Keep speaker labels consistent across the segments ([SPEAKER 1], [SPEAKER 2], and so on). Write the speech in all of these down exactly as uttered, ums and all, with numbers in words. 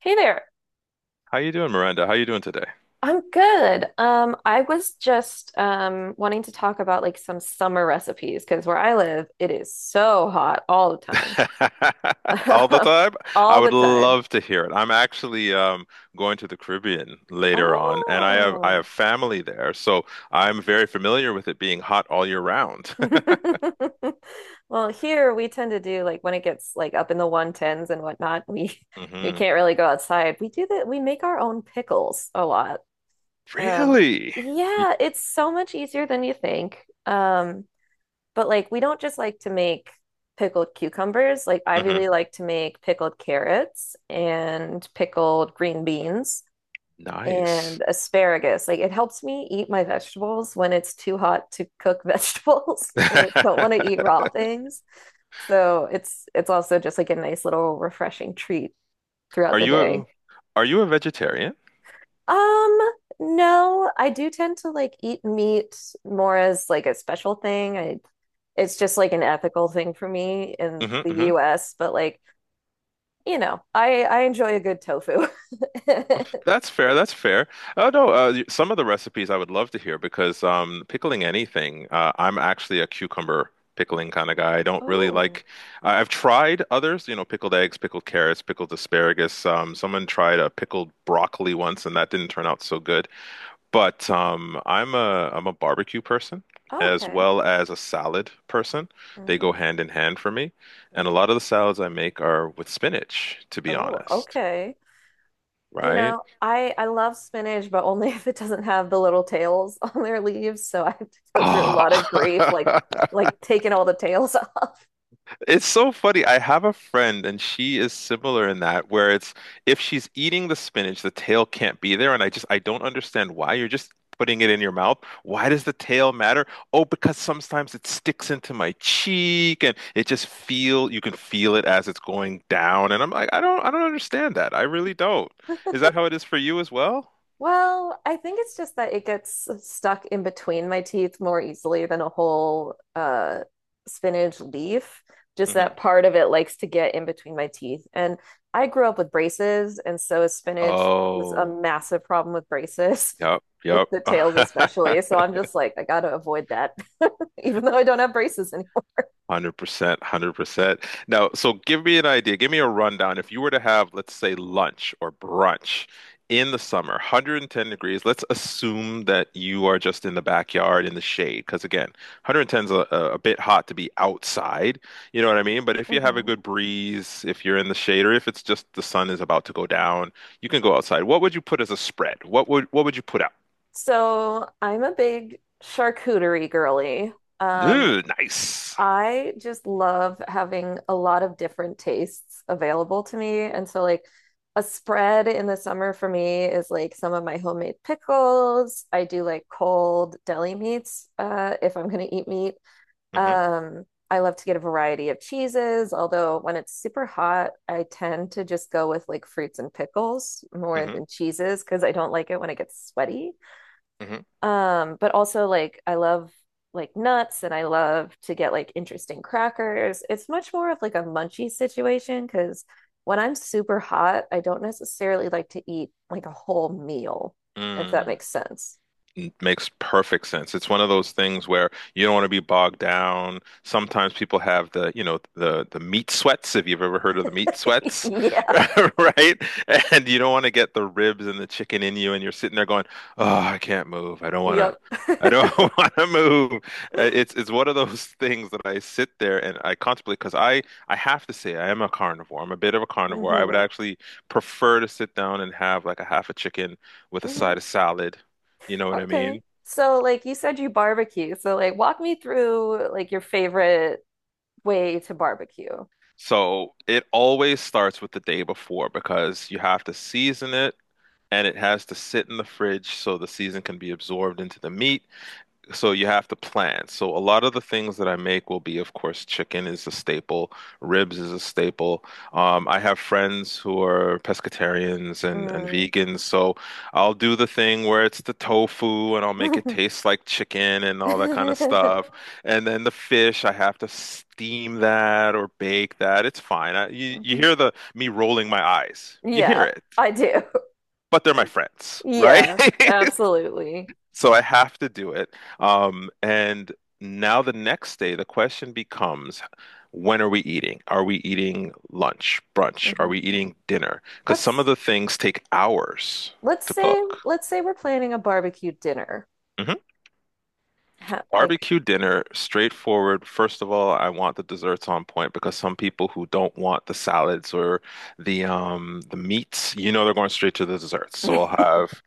[SPEAKER 1] Hey there.
[SPEAKER 2] How you doing, Miranda? How you doing today?
[SPEAKER 1] I'm good. Um, I was just um wanting to talk about like some summer recipes because where I live, it is so hot all the time.
[SPEAKER 2] All the time? I
[SPEAKER 1] All the
[SPEAKER 2] would
[SPEAKER 1] time.
[SPEAKER 2] love to hear it. I'm actually um, going to the Caribbean later on, and I have I have
[SPEAKER 1] Oh.
[SPEAKER 2] family there, so I'm very familiar with it being hot all year round.
[SPEAKER 1] Well, here we tend to do like when it gets like up in the one tens and whatnot, we we
[SPEAKER 2] hmm.
[SPEAKER 1] can't really go outside. We do that, we make our own pickles a lot. Um,
[SPEAKER 2] Really?
[SPEAKER 1] yeah, it's so much easier than you think. Um, But like we don't just like to make pickled cucumbers. Like I
[SPEAKER 2] hmm.
[SPEAKER 1] really like to make pickled carrots and pickled green beans
[SPEAKER 2] Nice.
[SPEAKER 1] and asparagus. Like it helps me eat my vegetables when it's too hot to cook vegetables and I don't want to eat raw things. So it's it's also just like a nice little refreshing treat
[SPEAKER 2] Are
[SPEAKER 1] throughout the
[SPEAKER 2] you
[SPEAKER 1] day.
[SPEAKER 2] a, are you a vegetarian?
[SPEAKER 1] Um, no, I do tend to like eat meat more as like a special thing. I it's just like an ethical thing for me in the
[SPEAKER 2] hmm.
[SPEAKER 1] U S, but like, you know, I I enjoy a good tofu.
[SPEAKER 2] That's fair. That's fair. Oh no, uh, y- some of the recipes I would love to hear because um, pickling anything, uh, I'm actually a cucumber pickling kind of guy. I don't really
[SPEAKER 1] Oh,
[SPEAKER 2] like. I- I've tried others, you know, pickled eggs, pickled carrots, pickled asparagus. Um, someone tried a pickled broccoli once, and that didn't turn out so good. But um, I'm a I'm a barbecue person as
[SPEAKER 1] okay.
[SPEAKER 2] well as a salad person. They
[SPEAKER 1] Mm.
[SPEAKER 2] go hand in hand for me, and a lot of the salads I make are with spinach, to be
[SPEAKER 1] Oh,
[SPEAKER 2] honest.
[SPEAKER 1] okay. You
[SPEAKER 2] Right?
[SPEAKER 1] know, I I love spinach, but only if it doesn't have the little tails on their leaves, so I have to go through a lot of grief
[SPEAKER 2] Ah,
[SPEAKER 1] like like taking all the tails
[SPEAKER 2] it's so funny. I have a friend, and she is similar in that, where it's if she's eating the spinach, the tail can't be there, and I just I don't understand why. You're just putting it in your mouth. Why does the tail matter? Oh, because sometimes it sticks into my cheek, and it just feel you can feel it as it's going down, and I'm like, I don't I don't understand that. I really don't. Is that how it is for you as well?
[SPEAKER 1] Well, I think it's just that it gets stuck in between my teeth more easily than a whole uh, spinach leaf. Just that
[SPEAKER 2] hmm.
[SPEAKER 1] part of it likes to get in between my teeth. And I grew up with braces, and so spinach was a
[SPEAKER 2] Oh,
[SPEAKER 1] massive problem with braces,
[SPEAKER 2] yep,
[SPEAKER 1] with
[SPEAKER 2] yep.
[SPEAKER 1] the tails especially. So I'm just like, I gotta avoid that, even though I don't have braces anymore.
[SPEAKER 2] one hundred percent, one hundred percent. Now, so give me an idea. Give me a rundown. If you were to have, let's say, lunch or brunch in the summer, a hundred and ten degrees, let's assume that you are just in the backyard in the shade. Because again, a hundred and ten is a, a a bit hot to be outside. You know what I mean? But if you have a
[SPEAKER 1] Mhm.
[SPEAKER 2] good breeze, if you're in the shade, or if it's just the sun is about to go down, you can go outside. What would you put as a spread? What would what would you put out?
[SPEAKER 1] So I'm a big charcuterie girly. Um,
[SPEAKER 2] Ooh, nice.
[SPEAKER 1] I just love having a lot of different tastes available to me. And so, like, a spread in the summer for me is like some of my homemade pickles. I do like cold deli meats uh, if I'm going to eat meat.
[SPEAKER 2] hmm.
[SPEAKER 1] Um, I love to get a variety of cheeses, although when it's super hot, I tend to just go with like fruits and pickles more
[SPEAKER 2] hmm.
[SPEAKER 1] than cheeses because I don't like it when it gets sweaty. Um, but also like I love like nuts and I love to get like interesting crackers. It's much more of like a munchy situation because when I'm super hot, I don't necessarily like to eat like a whole meal, if that
[SPEAKER 2] hmm.
[SPEAKER 1] makes sense.
[SPEAKER 2] N- Makes perfect sense. It's one of those things where you don't want to be bogged down. Sometimes people have the, you know, the the meat sweats, if you've ever heard of the meat sweats,
[SPEAKER 1] Yeah.
[SPEAKER 2] right? And you don't want to get the ribs and the chicken in you, and you're sitting there going, "Oh, I can't move. I don't want to.
[SPEAKER 1] Yep.
[SPEAKER 2] I don't want to move." Uh, It's it's one of those things that I sit there and I contemplate because I I have to say I am a carnivore. I'm a bit of a carnivore. I would
[SPEAKER 1] hmm
[SPEAKER 2] actually prefer to sit down and have like a half a chicken with a side
[SPEAKER 1] hmm
[SPEAKER 2] of salad, you know what I
[SPEAKER 1] Okay.
[SPEAKER 2] mean?
[SPEAKER 1] So like you said you barbecue. So like walk me through like your favorite way to barbecue.
[SPEAKER 2] So it always starts with the day before because you have to season it and it has to sit in the fridge so the season can be absorbed into the meat. So you have to plan. So a lot of the things that I make will be, of course, chicken is a staple, ribs is a staple. Um, I have friends who are pescatarians and, and
[SPEAKER 1] Mm.
[SPEAKER 2] vegans, so I'll do the thing where it's the tofu and I'll make it taste like chicken and all that kind of stuff. And then the fish, I have to steam that or bake that. It's fine. I, you you
[SPEAKER 1] Mhm.
[SPEAKER 2] hear the me rolling my eyes. You hear
[SPEAKER 1] Yeah,
[SPEAKER 2] it,
[SPEAKER 1] I do.
[SPEAKER 2] but they're my friends, right?
[SPEAKER 1] Yeah, absolutely.
[SPEAKER 2] So I have to do it. Um, and now the next day, the question becomes, when are we eating? Are we eating lunch, brunch? Are
[SPEAKER 1] Hmm
[SPEAKER 2] we eating dinner? Because some of
[SPEAKER 1] Let's
[SPEAKER 2] the things take hours
[SPEAKER 1] let's
[SPEAKER 2] to
[SPEAKER 1] say
[SPEAKER 2] cook.
[SPEAKER 1] let's say we're planning a barbecue dinner.
[SPEAKER 2] hmm.
[SPEAKER 1] Ha- like,
[SPEAKER 2] Barbecue dinner, straightforward. First of all, I want the desserts on point because some people who don't want the salads or the um the meats, you know, they're going straight to the desserts. So I'll have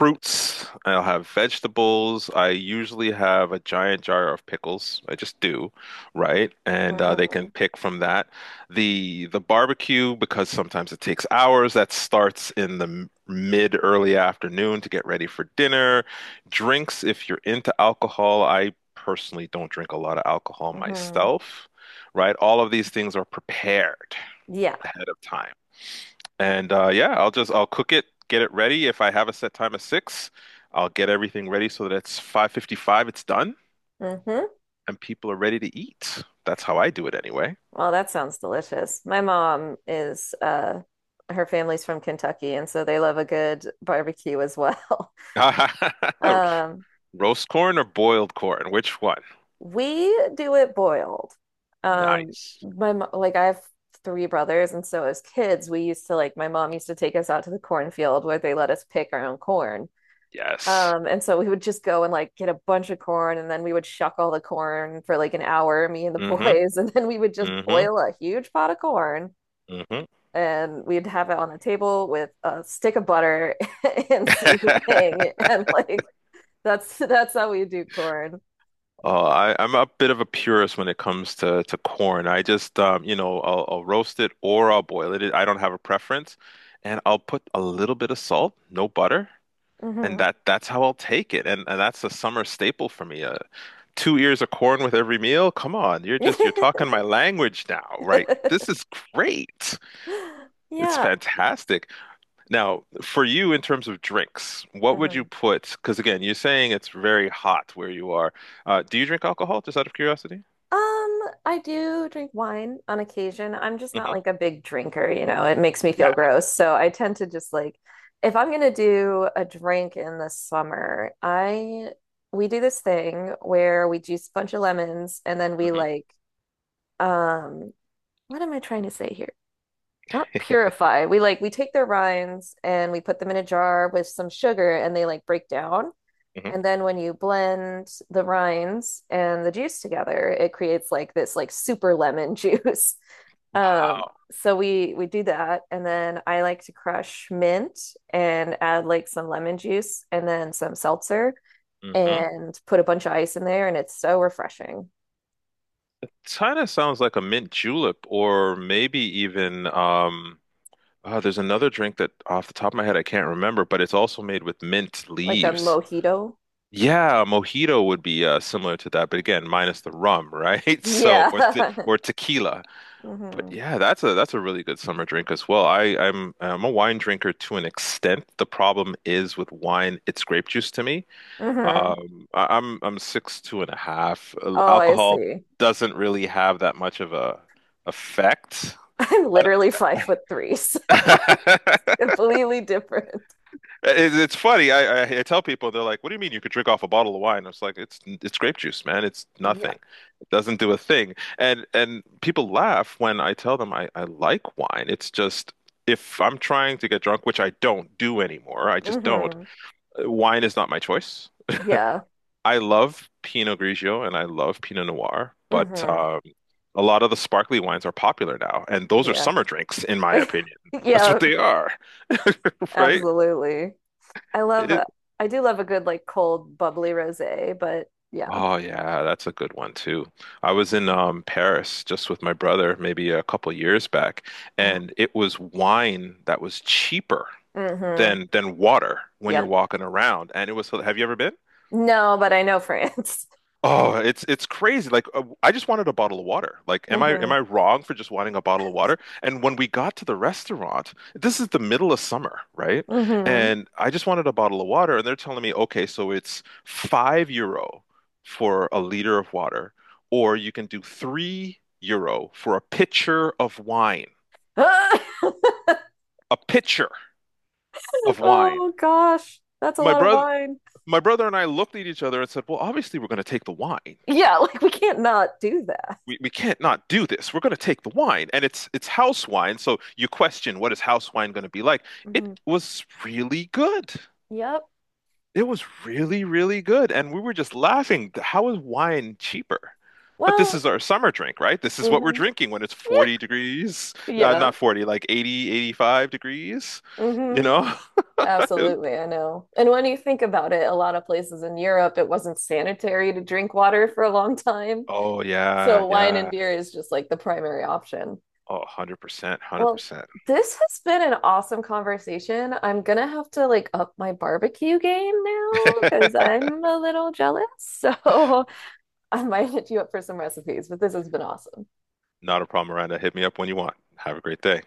[SPEAKER 2] fruits. I'll have vegetables. I usually have a giant jar of pickles. I just do, right? And uh, they can
[SPEAKER 1] hmm
[SPEAKER 2] pick from that. The the barbecue, because sometimes it takes hours, that starts in the m- mid early afternoon to get ready for dinner. Drinks, if you're into alcohol, I personally don't drink a lot of alcohol
[SPEAKER 1] hmm
[SPEAKER 2] myself, right? All of these things are prepared
[SPEAKER 1] Yeah.
[SPEAKER 2] ahead of time. And uh, yeah, I'll just I'll cook it, get it ready. If I have a set time of six, I'll get everything ready so that it's five fifty-five, it's done,
[SPEAKER 1] hmm
[SPEAKER 2] and people are ready to eat. That's how I do it anyway.
[SPEAKER 1] Well, that sounds delicious. My mom is uh her family's from Kentucky, and so they love a good barbecue as well. Um,
[SPEAKER 2] Roast corn or boiled corn? Which one?
[SPEAKER 1] we do it boiled. Um,
[SPEAKER 2] Nice.
[SPEAKER 1] my mo- like I have three brothers, and so as kids, we used to like my mom used to take us out to the cornfield where they let us pick our own corn.
[SPEAKER 2] Yes.
[SPEAKER 1] Um, and so we would just go and like get a bunch of corn and then we would shuck all the corn for like an hour, me and the
[SPEAKER 2] Mm-hmm.
[SPEAKER 1] boys, and then we would just
[SPEAKER 2] Mm-hmm.
[SPEAKER 1] boil a huge pot of corn
[SPEAKER 2] Mm-hmm.
[SPEAKER 1] and we'd have it on the table with a stick of butter and seasoning and like that's that's how we do corn.
[SPEAKER 2] Oh, I, I'm a bit of a purist when it comes to, to corn. I just, um, you know, I'll, I'll roast it or I'll boil it. I don't have a preference. And I'll put a little bit of salt, no butter, and
[SPEAKER 1] Hmm
[SPEAKER 2] that that's how I'll take it. And and that's a summer staple for me. Uh, two ears of corn with every meal. Come on, you're just you're talking my language now, right? This is great. It's
[SPEAKER 1] Yeah.
[SPEAKER 2] fantastic. Now, for you in terms of drinks, what would you
[SPEAKER 1] hmm
[SPEAKER 2] put? Because again, you're saying it's very hot where you are. Uh, do you drink alcohol, just out of curiosity?
[SPEAKER 1] Um, I do drink wine on occasion. I'm just not
[SPEAKER 2] hmm.
[SPEAKER 1] like a big drinker, you know, it makes me feel
[SPEAKER 2] Yeah.
[SPEAKER 1] gross. So I tend to just like, if I'm gonna do a drink in the summer, I we do this thing where we juice a bunch of lemons and then we
[SPEAKER 2] hmm.
[SPEAKER 1] like, um, what am I trying to say here? Not purify. We like we take their rinds and we put them in a jar with some sugar and they like break down.
[SPEAKER 2] hmm.
[SPEAKER 1] And then when you blend the rinds and the juice together, it creates like this like super lemon juice. Um,
[SPEAKER 2] Wow.
[SPEAKER 1] so we we do that, and then I like to crush mint and add like some lemon juice and then some seltzer
[SPEAKER 2] hmm.
[SPEAKER 1] and put a bunch of ice in there, and it's so refreshing,
[SPEAKER 2] Kind of sounds like a mint julep, or maybe even um, oh, there's another drink that off the top of my head I can't remember, but it's also made with mint
[SPEAKER 1] like a
[SPEAKER 2] leaves.
[SPEAKER 1] mojito.
[SPEAKER 2] Yeah, a mojito would be uh, similar to that, but again, minus the rum, right? So
[SPEAKER 1] Yeah.
[SPEAKER 2] or te or tequila. But
[SPEAKER 1] hmm
[SPEAKER 2] yeah, that's a that's a really good summer drink as well. I I'm I'm a wine drinker to an extent. The problem is with wine, it's grape juice to me.
[SPEAKER 1] hmm
[SPEAKER 2] Um, I, I'm I'm six two and a half. Uh,
[SPEAKER 1] Oh, I
[SPEAKER 2] Alcohol
[SPEAKER 1] see.
[SPEAKER 2] doesn't really have that much of a effect.
[SPEAKER 1] I'm literally five foot three, so
[SPEAKER 2] And
[SPEAKER 1] completely different.
[SPEAKER 2] It, it's funny. I, I I tell people they're like, "What do you mean you could drink off a bottle of wine?" I was like, "It's it's grape juice, man. It's
[SPEAKER 1] Yeah.
[SPEAKER 2] nothing. It doesn't do a thing." And and people laugh when I tell them I I like wine. It's just if I'm trying to get drunk, which I don't do anymore, I just don't.
[SPEAKER 1] hmm
[SPEAKER 2] uh, Wine is not my choice.
[SPEAKER 1] Yeah.
[SPEAKER 2] I love Pinot Grigio and I love Pinot Noir, but
[SPEAKER 1] hmm
[SPEAKER 2] um, a lot of the sparkly wines are popular now, and those are
[SPEAKER 1] Yeah.
[SPEAKER 2] summer drinks, in my opinion. That's
[SPEAKER 1] Yeah,
[SPEAKER 2] what they are, right?
[SPEAKER 1] absolutely. I love a, I do love a good like cold bubbly rosé, but yeah.
[SPEAKER 2] Oh yeah, that's a good one too. I was in um, Paris just with my brother maybe a couple years back,
[SPEAKER 1] Oh.
[SPEAKER 2] and it was wine that was cheaper
[SPEAKER 1] hmm
[SPEAKER 2] than than water when you're
[SPEAKER 1] Yep.
[SPEAKER 2] walking around. And it was, have you ever been?
[SPEAKER 1] No, but I know France.
[SPEAKER 2] Oh, it's it's crazy. Like uh, I just wanted a bottle of water. Like am I am
[SPEAKER 1] hmm
[SPEAKER 2] I wrong for just wanting a bottle of water? And when we got to the restaurant, this is the middle of summer, right?
[SPEAKER 1] hmm
[SPEAKER 2] And I just wanted a bottle of water and they're telling me, "Okay, so it's five euro for a liter of water or you can do three euro for a pitcher of wine." A pitcher of wine.
[SPEAKER 1] Oh gosh, that's a
[SPEAKER 2] My
[SPEAKER 1] lot of
[SPEAKER 2] brother
[SPEAKER 1] wine.
[SPEAKER 2] my brother and I looked at each other and said, "Well, obviously we're going to take the wine."
[SPEAKER 1] Yeah, like we can't not do that.
[SPEAKER 2] we, we can't not do this. We're going to take the wine, and it's it's house wine. So you question what is house wine going to be like? It
[SPEAKER 1] Hmm
[SPEAKER 2] was really good.
[SPEAKER 1] Yep.
[SPEAKER 2] It was really, really good, and we were just laughing. How is wine cheaper? But this
[SPEAKER 1] Well,
[SPEAKER 2] is our summer drink, right? This is what we're
[SPEAKER 1] hmm
[SPEAKER 2] drinking when it's
[SPEAKER 1] Yeah.
[SPEAKER 2] forty degrees, uh,
[SPEAKER 1] Yeah.
[SPEAKER 2] not forty, like eighty, eighty-five degrees, you
[SPEAKER 1] hmm
[SPEAKER 2] know?
[SPEAKER 1] Absolutely, I know. And when you think about it, a lot of places in Europe, it wasn't sanitary to drink water for a long time.
[SPEAKER 2] Oh, yeah,
[SPEAKER 1] So wine and
[SPEAKER 2] yeah.
[SPEAKER 1] beer is just like the primary option.
[SPEAKER 2] Oh, one hundred percent,
[SPEAKER 1] Well,
[SPEAKER 2] one hundred percent.
[SPEAKER 1] this has been an awesome conversation. I'm gonna have to like up my barbecue game now because I'm a little jealous. So I might hit you up for some recipes, but this has been awesome.
[SPEAKER 2] Not a problem, Miranda. Hit me up when you want. Have a great day.